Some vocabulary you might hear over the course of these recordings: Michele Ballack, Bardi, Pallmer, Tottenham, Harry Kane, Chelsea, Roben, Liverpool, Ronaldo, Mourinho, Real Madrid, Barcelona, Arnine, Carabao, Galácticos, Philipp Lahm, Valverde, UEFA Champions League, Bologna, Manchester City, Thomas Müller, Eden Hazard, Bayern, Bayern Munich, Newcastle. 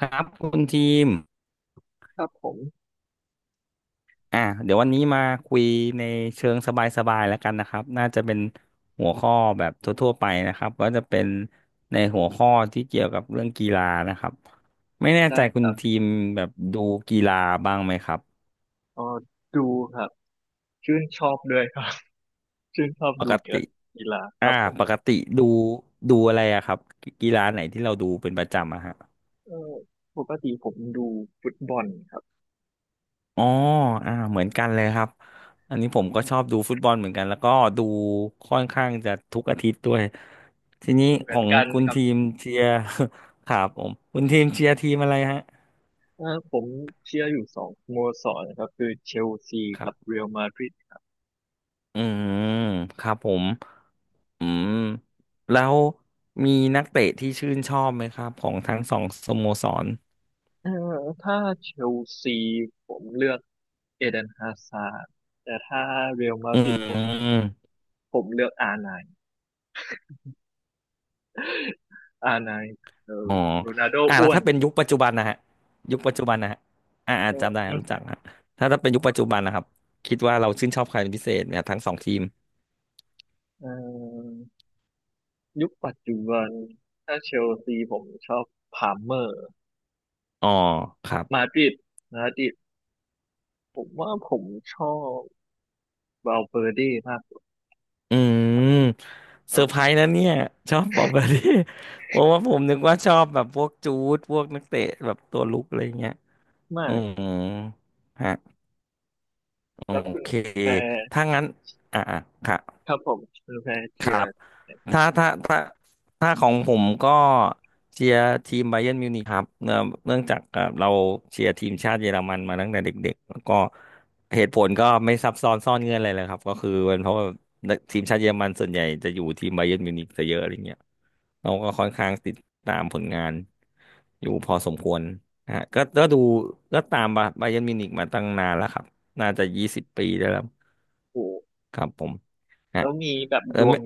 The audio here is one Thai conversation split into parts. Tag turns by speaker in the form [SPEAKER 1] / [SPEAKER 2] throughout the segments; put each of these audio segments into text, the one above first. [SPEAKER 1] ครับคุณทีม
[SPEAKER 2] ครับผม
[SPEAKER 1] อ่ะเดี๋ยววันนี้มาคุยในเชิงสบายๆแล้วกันนะครับน่าจะเป็นหัวข้อแบบทั่วๆไปนะครับก็จะเป็นในหัวข้อที่เกี่ยวกับเรื่องกีฬานะครับไม่แน่
[SPEAKER 2] ได้
[SPEAKER 1] ใจ
[SPEAKER 2] ค
[SPEAKER 1] คุณ
[SPEAKER 2] รับ
[SPEAKER 1] ทีมแบบดูกีฬาบ้างไหมครับ
[SPEAKER 2] เออดูครับชื่นชอบด้วยครับ ชื่นชอบ
[SPEAKER 1] ป
[SPEAKER 2] ดู
[SPEAKER 1] กติ
[SPEAKER 2] กีฬาค
[SPEAKER 1] อ่า
[SPEAKER 2] รับผม
[SPEAKER 1] ปกติดูดูอะไรอะครับกีฬาไหนที่เราดูเป็นประจำอะฮะ
[SPEAKER 2] เออปกติผมดูฟุตบอลครับ
[SPEAKER 1] อ๋ออ่าเหมือนกันเลยครับ อันนี้ผมก็ชอบดูฟุตบอลเหมือนกันแล้วก็ดูค่อนข้างจะทุกอาทิตย์ด้วยทีนี้
[SPEAKER 2] เห
[SPEAKER 1] ข
[SPEAKER 2] มือ
[SPEAKER 1] อ
[SPEAKER 2] น
[SPEAKER 1] ง
[SPEAKER 2] กัน
[SPEAKER 1] คุณ
[SPEAKER 2] ครับ
[SPEAKER 1] ทีมเชียร์ ครับผมคุณทีมเชียร์ทีมอะไรฮะ
[SPEAKER 2] ผมเชียร์อยู่สองสโมสรนะครับคือเชลซี
[SPEAKER 1] ครั
[SPEAKER 2] กับเร
[SPEAKER 1] บ
[SPEAKER 2] อัลมาดริด
[SPEAKER 1] อืมครับผมอืมแล้วมีนักเตะที่ชื่นชอบไหมครับของทั้งสองสโมสร
[SPEAKER 2] เออถ้าเชลซีผมเลือกเอเดนฮาซาร์ดแต่ถ้าเรอัลมา
[SPEAKER 1] อื
[SPEAKER 2] ดริดผม
[SPEAKER 1] ม
[SPEAKER 2] ผมเลือกอาร์ไนน์ อาร์ไนน์ เออ
[SPEAKER 1] อ๋อ
[SPEAKER 2] โรนัลโด
[SPEAKER 1] อ่ะแล้
[SPEAKER 2] อ้
[SPEAKER 1] ว
[SPEAKER 2] วน
[SPEAKER 1] ถ้าเป็นยุคปัจจุบันนะฮะยุคปัจจุบันนะฮะอ่า
[SPEAKER 2] เ
[SPEAKER 1] อ่าจำได้
[SPEAKER 2] ออ
[SPEAKER 1] รู้จักฮะถ้าเป็นยุค
[SPEAKER 2] ครั
[SPEAKER 1] ปัจจุ
[SPEAKER 2] บ
[SPEAKER 1] บันนะครับคิดว่าเราชื่นชอบใครเป็นพิเศษเนี่ยทั้งสองทีม
[SPEAKER 2] เออ ยุคปัจจุบันถ้าเชลซีผมชอบพาล์มเมอร์
[SPEAKER 1] อ๋อครับ
[SPEAKER 2] มาดริดมาดริดผมว่าผมชอบวาลเวอร์เด้มากกว่า
[SPEAKER 1] อืม
[SPEAKER 2] ค
[SPEAKER 1] เซ
[SPEAKER 2] รั
[SPEAKER 1] อ
[SPEAKER 2] บ
[SPEAKER 1] ร์ไพ
[SPEAKER 2] ผ
[SPEAKER 1] รส์
[SPEAKER 2] ม
[SPEAKER 1] นะเนี่ยชอบบอกแบบนี้ เพราะว่าผมนึกว่าชอบแบบพวกจูดพวกนักเตะแบบตัวลุกอะไรเงี้ยอื
[SPEAKER 2] ไม่
[SPEAKER 1] มฮะโอ
[SPEAKER 2] แล้วคุณ
[SPEAKER 1] เค
[SPEAKER 2] แพร
[SPEAKER 1] ถ้างั้นอ่าอ่ะคะ
[SPEAKER 2] ครับผมคุณแพร
[SPEAKER 1] ค
[SPEAKER 2] เชีย
[SPEAKER 1] รับ
[SPEAKER 2] ร์
[SPEAKER 1] ถ้าถ้าถ้าถ้าของผมก็เชียร์ทีมไบเยิร์นมิวนิกครับเนื่องจากเราเชียร์ทีมชาติเยอรมันมาตั้งแต่เด็กๆแล้วก็เหตุผลก็ไม่ซับซ้อนซ่อนเงื่อนอะไรเลยครับก็คือเป็นเพราะว่าทีมชาติเยอรมันส่วนใหญ่จะอยู่ทีมไบเยิร์นมิวนิกซะเยอะอะไรเงี้ยเราก็ค่อนข้างติดตามผลงานอยู่พอสมควรนะฮะก็ดูก็ตามไบเยิร์นมิวนิกมาตั้งนานแล้วครับน่าจะ20 ปีได้แล้ว
[SPEAKER 2] ถูก
[SPEAKER 1] ครับผมฮะ
[SPEAKER 2] แล้วมีแบบ
[SPEAKER 1] เออ
[SPEAKER 2] ดว
[SPEAKER 1] ไม่
[SPEAKER 2] ง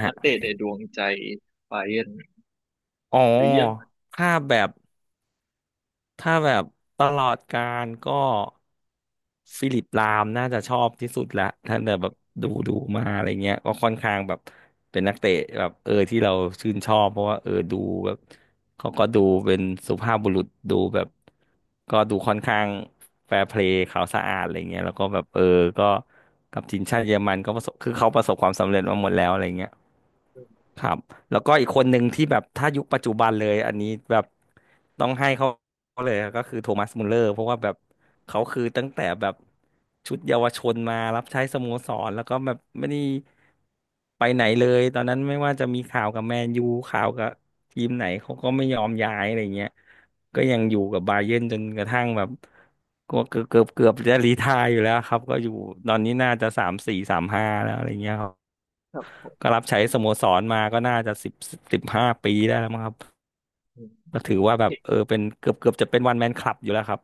[SPEAKER 1] ฮะ
[SPEAKER 2] นักเตะในดวงใจไบาเยิร์น
[SPEAKER 1] อ๋อ
[SPEAKER 2] หรือเยอรมัน
[SPEAKER 1] ถ้าแบบถ้าแบบตลอดการก็ฟิลิปลามน่าจะชอบที่สุดละถ้าแบบดูดูมาอะไรเงี้ยก็ค่อนข้างแบบเป็นนักเตะแบบเออที่เราชื่นชอบเพราะว่าเออดูแบบเขาก็ดูเป็นสุภาพบุรุษดูแบบก็ดูค่อนข้างแฟร์เพลย์ขาวสะอาดอะไรเงี้ยแล้วก็แบบเออก็กับทีมชาติเยอรมันก็ประสบคือเขาประสบความสำเร็จมาหมดแล้วอะไรเงี้ย ครับแล้วก็อีกคนหนึ่งที่แบบถ้ายุคปัจจุบันเลยอันนี้แบบต้องให้เขาเลยก็คือโทมัสมุลเลอร์เพราะว่าแบบเขาคือตั้งแต่แบบชุดเยาวชนมารับใช้สโมสรแล้วก็แบบไม่ได้ไปไหนเลยตอนนั้นไม่ว่าจะมีข่าวกับแมนยูข่าวกับทีมไหนเขาก็ไม่ยอมย้ายอะไรเงี้ยก็ยังอยู่กับบาเยิร์นจนกระทั่งแบบก็เกือบจะรีไทร์อยู่แล้วครับก็อยู่ตอนนี้น่าจะสามสี่สามห้าแล้วอะไรเงี้ย
[SPEAKER 2] ครับผ
[SPEAKER 1] ก็
[SPEAKER 2] ม
[SPEAKER 1] รับใช้สโมสรมาก็น่าจะสิบ15 ปีได้แล้วมั้งครับ
[SPEAKER 2] อืม
[SPEAKER 1] ก็ถือว่าแบบเออเป็นเกือบเกือบจะเป็นวันแมนคลับอยู่แล้วครับ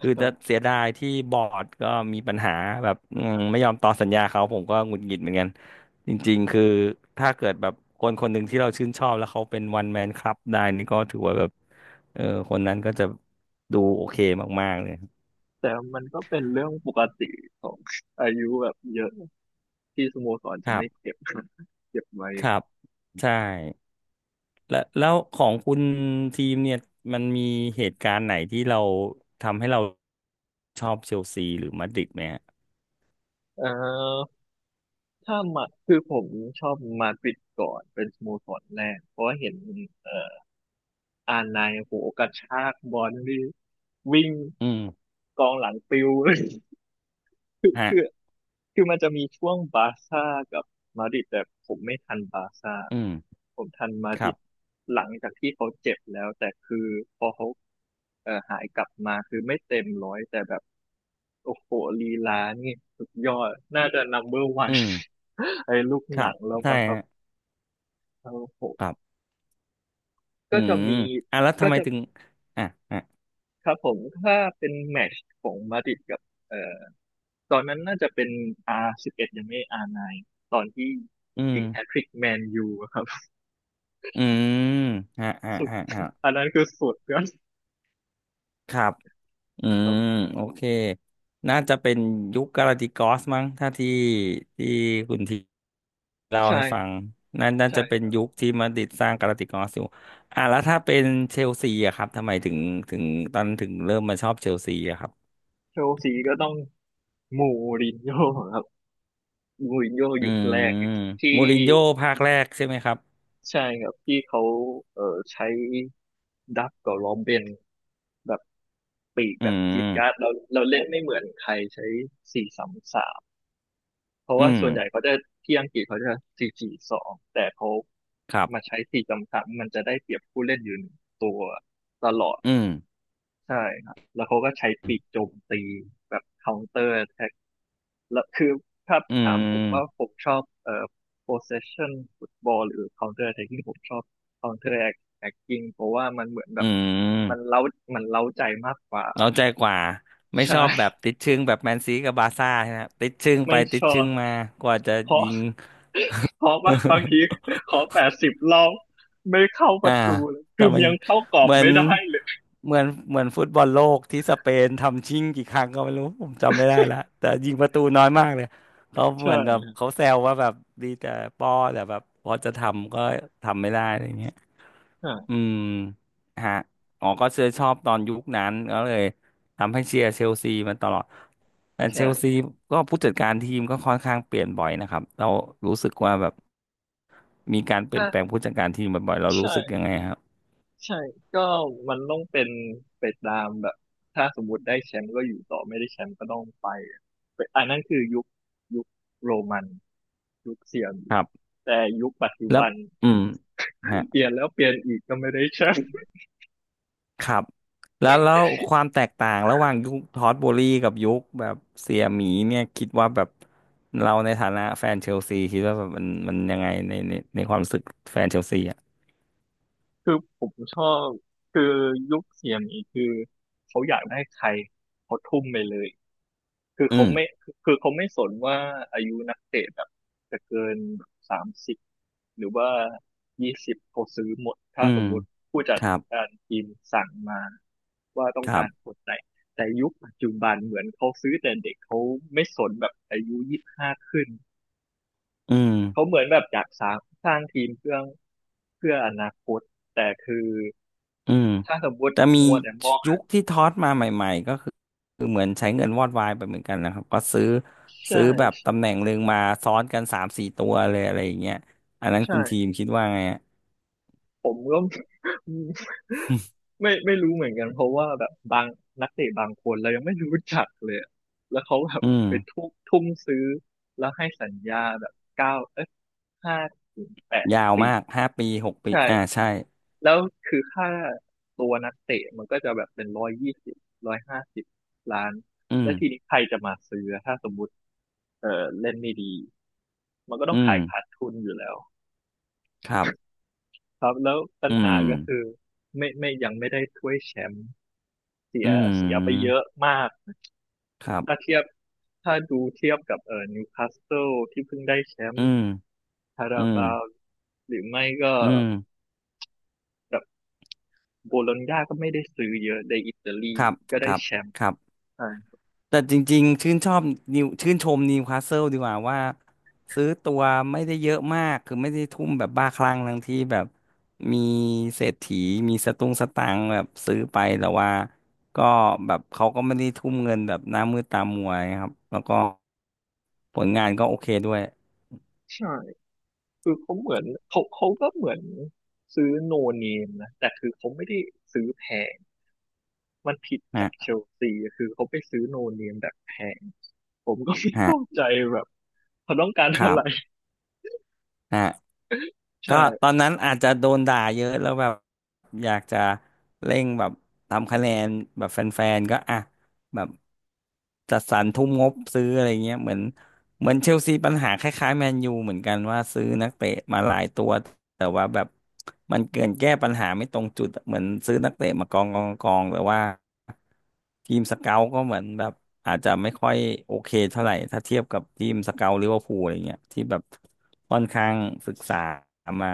[SPEAKER 1] คือ
[SPEAKER 2] ครั
[SPEAKER 1] จะ
[SPEAKER 2] บ
[SPEAKER 1] เสียดายที่บอร์ดก็มีปัญหาแบบอืมไม่ยอมต่อสัญญาเขาผมก็หงุดหงิดเหมือนกันจริงๆคือถ้าเกิดแบบคนคนหนึ่งที่เราชื่นชอบแล้วเขาเป็นวันแมนคลับได้นี่ก็ถือว่าแบบเออคนนั้นก็จะดูโอเคมากๆเลย
[SPEAKER 2] แต่มันก็เป็นเรื่องปกติของอายุแบบเยอะที่สโมสร
[SPEAKER 1] ค
[SPEAKER 2] จะ
[SPEAKER 1] รั
[SPEAKER 2] ไม่
[SPEAKER 1] บ
[SPEAKER 2] เก็บ เก็บไว้
[SPEAKER 1] ครับใช่ แล้วของคุณทีมเนี่ยมันมีเหตุการณ์ไหนที่เราทำให้เราชอบเชลซีหรือมาดริดไหมฮะ
[SPEAKER 2] เออ ถ้ามาคือผมชอบมาดริดก่อนเป็นสโมสรแรกเพราะว่าเห็นเอ่ออานไนโหกระชากบอลนี่วิ่ง
[SPEAKER 1] อืม
[SPEAKER 2] กองหลังปิว คือ
[SPEAKER 1] ฮะ
[SPEAKER 2] คือคือมันจะมีช่วงบาร์ซ่ากับมาดริดแต่ผมไม่ทันบาร์ซ่า
[SPEAKER 1] อืม
[SPEAKER 2] ผมทันมา
[SPEAKER 1] ค
[SPEAKER 2] ดริ
[SPEAKER 1] รั
[SPEAKER 2] ด
[SPEAKER 1] บ
[SPEAKER 2] หลังจากที่เขาเจ็บแล้วแต่คือพอเขาหายกลับมาคือไม่เต็มร้อยแต่แบบโอ้โหลีลานี่สุดยอดน่าจะนัมเบอร์วั
[SPEAKER 1] อื
[SPEAKER 2] น
[SPEAKER 1] ม
[SPEAKER 2] ไอ้ลูก
[SPEAKER 1] ค
[SPEAKER 2] ห
[SPEAKER 1] รั
[SPEAKER 2] นั
[SPEAKER 1] บ
[SPEAKER 2] งแล้ว
[SPEAKER 1] ใช่
[SPEAKER 2] มั้งครับ
[SPEAKER 1] ฮะ
[SPEAKER 2] ครับผ
[SPEAKER 1] ครั
[SPEAKER 2] ม
[SPEAKER 1] บอื
[SPEAKER 2] ก็จะ
[SPEAKER 1] ม
[SPEAKER 2] มี
[SPEAKER 1] อ่ะแล้ว
[SPEAKER 2] ก็
[SPEAKER 1] ทำไม
[SPEAKER 2] จะ
[SPEAKER 1] ถึงอ่ะอ่ะ
[SPEAKER 2] ครับผมถ้าเป็นแมตช์ของมาดริดกับเอ่อตอนนั้นน่าจะเป็น R11 ยังไม่ R9 ตอนที่
[SPEAKER 1] อืม
[SPEAKER 2] ยิงแฮตทริกแมนยูอะครับ
[SPEAKER 1] อืมฮะฮะ
[SPEAKER 2] สุด
[SPEAKER 1] ฮะฮะ
[SPEAKER 2] อันนั้นคือสุดยอด
[SPEAKER 1] ครับอื
[SPEAKER 2] ครั
[SPEAKER 1] ม
[SPEAKER 2] บ
[SPEAKER 1] โอเคน่าจะเป็นยุคกาลาติกอสมั้งถ้าที่คุณที เล่า
[SPEAKER 2] ใช่
[SPEAKER 1] ให้ฟั
[SPEAKER 2] ครั
[SPEAKER 1] ง
[SPEAKER 2] บ
[SPEAKER 1] นั่นน่า
[SPEAKER 2] ใช่
[SPEAKER 1] จะเป็
[SPEAKER 2] ค
[SPEAKER 1] น
[SPEAKER 2] รับ
[SPEAKER 1] ยุคที่มาดริดสร้างกาลาติกอสอยู่อ่ะแล้วถ้าเป็นเชลซีอะครับทำไมถึงตอนถึงเริ่มมาชอบเชลซีอะครับ
[SPEAKER 2] เชลซีก็ต้องมูรินโญ่ครับมูรินโญ่
[SPEAKER 1] อื
[SPEAKER 2] ยุค
[SPEAKER 1] ม
[SPEAKER 2] แรกที่
[SPEAKER 1] มูรินโญ่ภาคแรกใช่ไหมครับ
[SPEAKER 2] ใช่ครับที่เขาเอ่อใช้ดับกับโรเบนแบบปีก
[SPEAKER 1] อื
[SPEAKER 2] แบบจี๊ดจ๊าด
[SPEAKER 1] ม
[SPEAKER 2] เราเล่นไม่เหมือนใครใช้4-3-3 เพราะ
[SPEAKER 1] อื
[SPEAKER 2] ว่า
[SPEAKER 1] ม
[SPEAKER 2] ส่วนใหญ่เขาจะที่อังกฤษเขาจะ4-4-2แต่เขา
[SPEAKER 1] ครั
[SPEAKER 2] มา
[SPEAKER 1] บ
[SPEAKER 2] ใช้4-3-3มันจะได้เปรียบผู้เล่นอยู่หนึ่งตัวตลอด
[SPEAKER 1] อืม
[SPEAKER 2] ใช่ครับแล้วเขาก็ใช้ปีกโจมตีแบบ c ค u n t เตอร์แท็กแล้วคือถ้า
[SPEAKER 1] อื
[SPEAKER 2] ถามผมว่า
[SPEAKER 1] ม
[SPEAKER 2] ผมชอบpossession football หรือ counter attacking ผมชอบ counter attacking เพราะว่ามันเหมือนแบ
[SPEAKER 1] อื
[SPEAKER 2] บมัน
[SPEAKER 1] ม
[SPEAKER 2] เล้ามันเล้าใจมากกว่า
[SPEAKER 1] เราใจกว่าไม่
[SPEAKER 2] ใช่
[SPEAKER 1] ช อบแบบติดชึ่งแบบแมนซีกับบาร์ซ่าใช่ไหมติดชึ่งไป
[SPEAKER 2] ไม่
[SPEAKER 1] ติ
[SPEAKER 2] ช
[SPEAKER 1] ด
[SPEAKER 2] อ
[SPEAKER 1] ชึ่
[SPEAKER 2] บ
[SPEAKER 1] งมากว่าจะ
[SPEAKER 2] เพราะ
[SPEAKER 1] ยิง
[SPEAKER 2] เพราะว่า บางทีขอ 80 รอบไม่เข้าป
[SPEAKER 1] อ่า
[SPEAKER 2] ระตูเลย
[SPEAKER 1] แต่
[SPEAKER 2] คือม
[SPEAKER 1] มัน
[SPEAKER 2] ยังเข้ากรอ
[SPEAKER 1] เห
[SPEAKER 2] บ
[SPEAKER 1] มือ
[SPEAKER 2] ไม่
[SPEAKER 1] น
[SPEAKER 2] ได้เลย
[SPEAKER 1] เหมือนฟุตบอลโลกที่สเปนทำชิ่งกี่ครั้งก็ไม่รู้ผมจำไม่ได้ละแต่ยิงประตูน้อยมากเลยเขา
[SPEAKER 2] ใ
[SPEAKER 1] เหมือนแบบ
[SPEAKER 2] ช่
[SPEAKER 1] เขาแซวว่าแบบดีแต่ป้อแต่แบบพอจะทำก็ทำไม่ได้อะไรเงี้ย
[SPEAKER 2] อ่า
[SPEAKER 1] อืมฮะอ๋อก็เชื่อชอบตอนยุคนั้นก็เลยทำให้เชียร์เชลซีมาตลอดแต่เชล
[SPEAKER 2] ใช่
[SPEAKER 1] ซีก็ผู้จัดการทีมก็ค่อนข้างเปลี่ยนบ่อยนะครับเรารู้สึกว่าแบบมีการเปลี่
[SPEAKER 2] ถ้า
[SPEAKER 1] ยนแปลงผู้จัดการทีมบ่อยๆเรารู้
[SPEAKER 2] ใช่
[SPEAKER 1] สึกยังไงคร
[SPEAKER 2] ใช่ก็มันต้องเป็นไปตามแบบถ้าสมมติได้แชมป์ก็อยู่ต่อไม่ได้แชมป์ก็ต้องไปไปอันนั้นคือยุคโรมันยุคเซียม
[SPEAKER 1] ับ
[SPEAKER 2] แต่ยุคปัจจุ
[SPEAKER 1] แล้ว
[SPEAKER 2] บัน
[SPEAKER 1] อืมฮะ
[SPEAKER 2] เปลี่ยนแล้วเปลี่ยนอีกก็ไม่ได้แชมป์
[SPEAKER 1] ครับแล้วความแตกต่าง ระหว่างยุคทอตโบรี่กับยุคแบบเสียหมีเนี่ย คิดว่าแบบ เราในฐานะแฟนเชลซี คิดว่าแบบมันยังไง ในความรู้สึกแฟนเชลซีอ่ะ
[SPEAKER 2] คือผมชอบคือยุคเซียมอีกคือเขาอยากได้ใครเขาทุ่มไปเลย คือ
[SPEAKER 1] อื
[SPEAKER 2] เขา
[SPEAKER 1] ม
[SPEAKER 2] ไม่คือเขาไม่สนว่าอายุนักเตะแบบจะเกิน30หรือว่ายี่สิบเขาซื้อหมด
[SPEAKER 1] อื
[SPEAKER 2] ถ้าส
[SPEAKER 1] ม
[SPEAKER 2] มมุติผู้จั
[SPEAKER 1] ค
[SPEAKER 2] ด
[SPEAKER 1] รับ
[SPEAKER 2] การทีมสั่งมาว่าต้อ
[SPEAKER 1] ค
[SPEAKER 2] ง
[SPEAKER 1] รั
[SPEAKER 2] การค
[SPEAKER 1] บ
[SPEAKER 2] นไหนแต่ยุคปัจจุบันเหมือนเขาซื้อแต่เด็กเขาไม่สนแบบอายุ25ขึ้น
[SPEAKER 1] อืม
[SPEAKER 2] เขาเหมือนแบบอยากสร้างทีมเพื่ออนาคตแต่คือ
[SPEAKER 1] อืม
[SPEAKER 2] ถ้าสมมติ
[SPEAKER 1] แต่มี
[SPEAKER 2] มัวแต่มอง
[SPEAKER 1] ยุคที่ทอสมาใหม่ ๆ ก็คือเหมือนใช้เงินวอดวายไปเหมือนกันนะครับก็ซื้อ
[SPEAKER 2] ใช่
[SPEAKER 1] ซื้อแบบตำแหน่งหนึ่งมาซ้อนกันสามสี่ตัวเลย อะไรอย่างเงี้ยอันนั้นคุ
[SPEAKER 2] ใช่
[SPEAKER 1] ณทีมคิดว่าไงอะ
[SPEAKER 2] ผมก็ ไม่รู้เหมือนกันเพราะว่าแบบบางนักเตะบางคนเรายังไม่รู้จักเลยอะแล้วเขาแบบ
[SPEAKER 1] อืม
[SPEAKER 2] ไปทุ่มซื้อแล้วให้สัญญาแบบเก้าเอ้ยห้าถึงแปด
[SPEAKER 1] ยาวมาก
[SPEAKER 2] ปี
[SPEAKER 1] ห้าปีหกปี
[SPEAKER 2] ใช่
[SPEAKER 1] อ่าใช่
[SPEAKER 2] แล้วคือค่าตัวนักเตะมันก็จะแบบเป็น120150 ล้าน
[SPEAKER 1] อืม
[SPEAKER 2] แล้วทีนี้ใครจะมาซื้อถ้าสมมติเออเล่นไม่ดีมันก็ต้อ
[SPEAKER 1] อื
[SPEAKER 2] ง
[SPEAKER 1] ม
[SPEAKER 2] ขายขาดทุนอยู่แล้ว
[SPEAKER 1] ครับ
[SPEAKER 2] ครับแล้วปัญ
[SPEAKER 1] อื
[SPEAKER 2] หา
[SPEAKER 1] ม
[SPEAKER 2] ก็คือไม่ยังไม่ได้ถ้วยแชมป์เสี
[SPEAKER 1] อื
[SPEAKER 2] ยเสียไปเย
[SPEAKER 1] ม
[SPEAKER 2] อะมาก
[SPEAKER 1] ครั
[SPEAKER 2] ถ้า
[SPEAKER 1] บ
[SPEAKER 2] เทียบถ้าดูเทียบกับนิวคาสเซิลที่เพิ่งได้แชม
[SPEAKER 1] อื
[SPEAKER 2] ป์
[SPEAKER 1] ม
[SPEAKER 2] คา
[SPEAKER 1] อื
[SPEAKER 2] รา
[SPEAKER 1] ม
[SPEAKER 2] บาวหรือไม่ก็
[SPEAKER 1] อืม
[SPEAKER 2] แบบโบโลญญาก็ไม่ได้ซื้อเยอะในอิตาลี
[SPEAKER 1] ครับ
[SPEAKER 2] ก็
[SPEAKER 1] ค
[SPEAKER 2] ได้
[SPEAKER 1] รับ
[SPEAKER 2] แชมป์
[SPEAKER 1] ครับ
[SPEAKER 2] ใช่
[SPEAKER 1] แต่จริงๆชื่นชมนิวคาสเซิลดีกว่าว่าซื้อตัวไม่ได้เยอะมากคือไม่ได้ทุ่มแบบบ้าคลั่งทั้งที่แบบมีเศรษฐีมีสตุ้งสตางค์แบบซื้อไปแต่ว่าก็แบบเขาก็ไม่ได้ทุ่มเงินแบบหน้ามืดตามัวนะครับแล้วก็ผลงานก็โอเคด้วย
[SPEAKER 2] ใช่คือเขาเหมือนเขาก็เหมือนซื้อโนเนมนะแต่คือเขาไม่ได้ซื้อแพงมันผิด
[SPEAKER 1] น
[SPEAKER 2] จากเช
[SPEAKER 1] ะ
[SPEAKER 2] ลซีคือเขาไปซื้อโนเนมแบบแพงผมก็ไม่
[SPEAKER 1] ฮะ
[SPEAKER 2] เข้าใจแบบเขาต้องการ
[SPEAKER 1] ค
[SPEAKER 2] อะ
[SPEAKER 1] รั
[SPEAKER 2] ไร
[SPEAKER 1] บอ่ะก็ต
[SPEAKER 2] ใช่
[SPEAKER 1] อนนั้นอาจจะโดนด่าเยอะแล้วแบบอยากจะเร่งแบบทำคะแนนแบบแฟนๆก็อ่ะแบบจัดสรรทุ่มงบซื้ออะไรเงี้ยเหมือนเชลซีปัญหาคล้ายๆแมนยูเหมือนกันว่าซื้อนักเตะมาหลายตัวแต่ว่าแบบมันเกินแก้ปัญหาไม่ตรงจุดอะเหมือนซื้อนักเตะมากองกองกองแต่ว่า ทีมสเกาต์ก็เหมือนแบบอาจจะไม่ค่อยโอเคเท่าไหร่ถ้าเทียบกับทีมสเกาต์ลิเวอร์พูลอะไรเงี้ยที่แบบค่อนข้างศึกษามา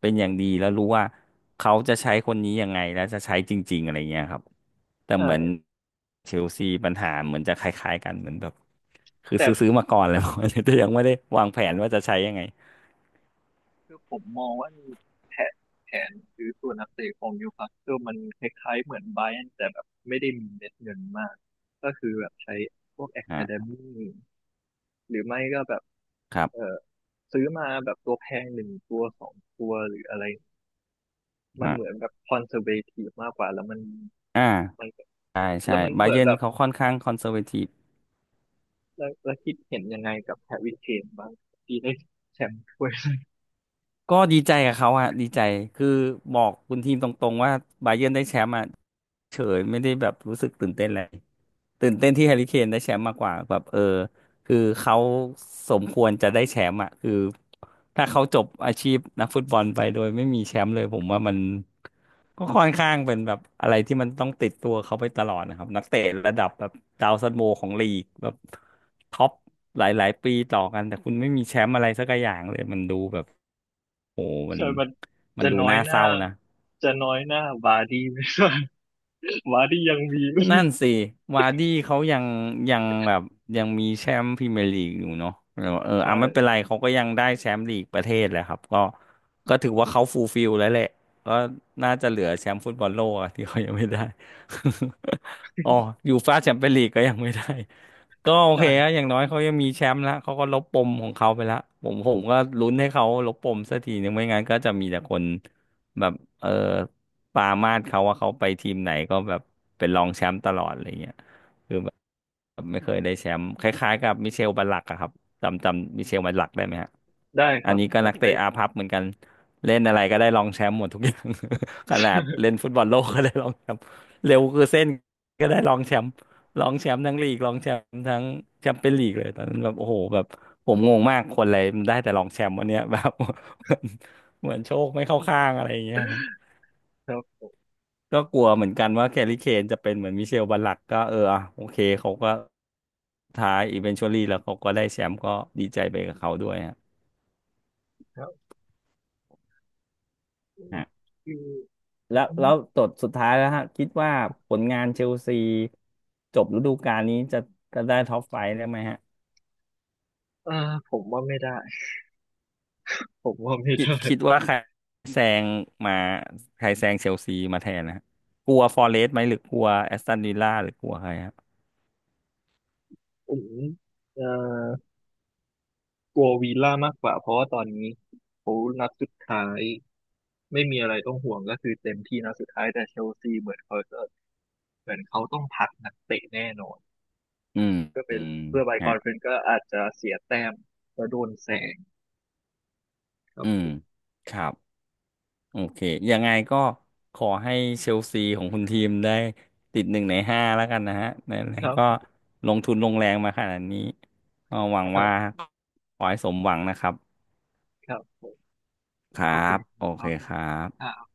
[SPEAKER 1] เป็นอย่างดีแล้วรู้ว่าเขาจะใช้คนนี้ยังไงแล้วจะใช้จริงๆอะไรเงี้ยครับแต่เหมือน
[SPEAKER 2] ใช่
[SPEAKER 1] เชลซีปัญหาเหมือนจะคล้ายๆกันเหมือนแบบคือซื้อ
[SPEAKER 2] แต่
[SPEAKER 1] มาก่อนแล้ว แต่ยังไม่ได้วางแผนว่าจะใช้ยังไง
[SPEAKER 2] คือผมมองว่าแผนแผนซื้อตัวนักเตะของนิวคาสเซิลมันคล้ายๆเหมือนไบรอันแต่แบบไม่ได้มีเม็ดเงินมากก็คือแบบใช้พวก a อ a d เด
[SPEAKER 1] อ่ะ
[SPEAKER 2] มี่หรือไม่ก็แบบ
[SPEAKER 1] ครั
[SPEAKER 2] เอ
[SPEAKER 1] บ
[SPEAKER 2] อซื้อมาแบบตัวแพงหนึ่งตัวสองตัวหรืออะไรมันเหมือ
[SPEAKER 1] อ่ะ
[SPEAKER 2] นแบบคอนเซอร์เวทีฟมากกว่าแล้วมัน
[SPEAKER 1] อ่า
[SPEAKER 2] มัน
[SPEAKER 1] ใช่ใช่
[SPEAKER 2] แล้วมัน
[SPEAKER 1] บา
[SPEAKER 2] เหมือ
[SPEAKER 1] เยิ
[SPEAKER 2] น
[SPEAKER 1] ร์น
[SPEAKER 2] แบบ
[SPEAKER 1] เขาค่อนข้างคอนเซอร์เวทีฟ
[SPEAKER 2] แล้วแล้วคิดเห็นยังไงกับแฮร์รี่เคนบ้างที่ได้แชมป์ ถ้วย
[SPEAKER 1] ก็ดีใจกับเขาอะดีใจคือบอกคุณทีมตรงๆว่าบาเยิร์นได้แชมป์อะเฉยไม่ได้แบบรู้สึกตื่นเต้นอะไรตื่นเต้นที่แฮร์รี่เคนได้แชมป์มากกว่าแบบเออคือเขาสมควรจะได้แชมป์อะคือถ้าเขาจบอาชีพนักฟุตบอลไปโดยไม่มีแชมป์เลยผมว่ามัน ก็ค่อนข้างเป็นแบบอะไรที่มันต้องติดตัวเขาไปตลอดนะครับนักเตะระดับแบบดาวซันโวของลีกแบบท็อปหลายๆ ปีต่อกันแต่คุณไม่มีแชมป์อะไรสักอย่างเลยมันดูแบบโอ้มัน
[SPEAKER 2] ใช่มัน
[SPEAKER 1] มัน
[SPEAKER 2] จะ
[SPEAKER 1] ดู
[SPEAKER 2] น้อย
[SPEAKER 1] น่า
[SPEAKER 2] ห
[SPEAKER 1] เศ
[SPEAKER 2] น้า
[SPEAKER 1] ร้านะ
[SPEAKER 2] จะน้อยหน้าบาร์ดี้ไหม หมาที่ยังมี
[SPEAKER 1] นั่นสิวาร์ดี้เขายังแบบยังมีแชมป์พรีเมียร์ลีกอยู่เนาะเออเออ
[SPEAKER 2] ใช่
[SPEAKER 1] อ่ะไม่เป็นไรเขาก็ยังได้แชมป์ลีกประเทศแหละครับก็ก็ถือว่าเขาฟูลฟิลแล้วแหละก็น่าจะเหลือแชมป์ฟุตบอลโลกอะ ที่เขายังไม่ได้ อ๋อยูฟ่าแชมเปี้ยนลีกก็ยังไม่ได้ ก็โอเคอะ
[SPEAKER 2] ใช่
[SPEAKER 1] อย่างน้อยเขายังมีแชมป์ละเขาก็ลบปมของเขาไปละผมก็ลุ้นให้เขาลบปมสักทีนึงไม่งั้นก็จะมีแต่คนแบบเออ ปรามาสเขาว่าเขาไปทีมไหนก็แบบเป็นรองแชมป์ตลอดอะไรเงี้ยคือแบบไม่เคยได้แชมป์คล้ายๆกับมิเชลบัลลักอะครับจำมิเชลบัลลักได้ไหมฮะ
[SPEAKER 2] ได้ค
[SPEAKER 1] อัน
[SPEAKER 2] รับ
[SPEAKER 1] นี้ก็นัก
[SPEAKER 2] จำ
[SPEAKER 1] เตะ
[SPEAKER 2] ได้
[SPEAKER 1] อาภัพเหมือนกันเล่นอะไรก็ได้รองแชมป์หมดทุกอย่าง ขนาดเล่นฟุตบอลโลกก็ได้รองแชมป์เร็วคือเส้นก็ได้รองแชมป์รองแชมป์ทั้งลีกรองแชมป์ทั้งแชมเปี้ยนลีกเลยตอนนั้นแบบโอ้โหแบบผมงงมากคนอะไรมันได้แต่รองแชมป์วันเนี้ย แบบ เหมือนโชคไม่เข้าข้างอะไรอย่างเงี้ย
[SPEAKER 2] ครับผม
[SPEAKER 1] ก็กลัวเหมือนกันว่าแคลรี่เคนจะเป็นเหมือนมิเชลบัลลักก็เอออ่ะโอเคเขาก็ท้ายอีเวนชวลี่แล้วเขาก็ได้แชมป์ก็ดีใจไปกับเขาด้วยฮะ
[SPEAKER 2] ครับ
[SPEAKER 1] ฮะ
[SPEAKER 2] คือ
[SPEAKER 1] แล้
[SPEAKER 2] งั้
[SPEAKER 1] ว
[SPEAKER 2] น
[SPEAKER 1] แล้วตดสุดท้ายแล้วฮะคิดว่าผลงานเชลซีจบฤดูกาลนี้จะจะได้ท็อปไฟว์ได้ไหมฮะ
[SPEAKER 2] เอ่อผมว่าไม่ได้ ผมว่าไม่
[SPEAKER 1] คิด
[SPEAKER 2] ได้
[SPEAKER 1] คิดว่าแซงมาใครแซงเชลซีมาแทนนะฮะกลัวฟอเรสต์ไหมหรือกลัวแอสตันวิลล่าหรือกลัวใครฮะ
[SPEAKER 2] ผมเอ่อกลัววีล่ามากกว่าเพราะว่าตอนนี้เขานัดสุดท้ายไม่มีอะไรต้องห่วงก็คือเต็มที่นัดสุดท้ายแต่เชลซีเหมือนเขาต้องพักนักเตะแน่นอน
[SPEAKER 1] อืม
[SPEAKER 2] ก็
[SPEAKER 1] อื
[SPEAKER 2] เป็น
[SPEAKER 1] ม
[SPEAKER 2] เพื่อไปค
[SPEAKER 1] ฮะ
[SPEAKER 2] อนเฟอเรนซ์ก็อาจจะเสียแต้มแล้วโดนแซงครั
[SPEAKER 1] อืม
[SPEAKER 2] บ
[SPEAKER 1] ครับ โอเค ยังไงก็ขอให้เชลซีของคุณทีมได้ติดหนึ่งในห้าแล้วกันนะฮะนั่นแหละ
[SPEAKER 2] ครั
[SPEAKER 1] ก็
[SPEAKER 2] บ
[SPEAKER 1] ลงทุนลงแรงมาขนาดนี้ก็หวัง
[SPEAKER 2] ครั
[SPEAKER 1] ว่า
[SPEAKER 2] บ
[SPEAKER 1] ขอให้สมหวังนะครับ
[SPEAKER 2] ครับผม
[SPEAKER 1] ครั
[SPEAKER 2] ขอบคุ
[SPEAKER 1] บ
[SPEAKER 2] ณ
[SPEAKER 1] โอ
[SPEAKER 2] ค
[SPEAKER 1] เคครั
[SPEAKER 2] รั
[SPEAKER 1] บ
[SPEAKER 2] บ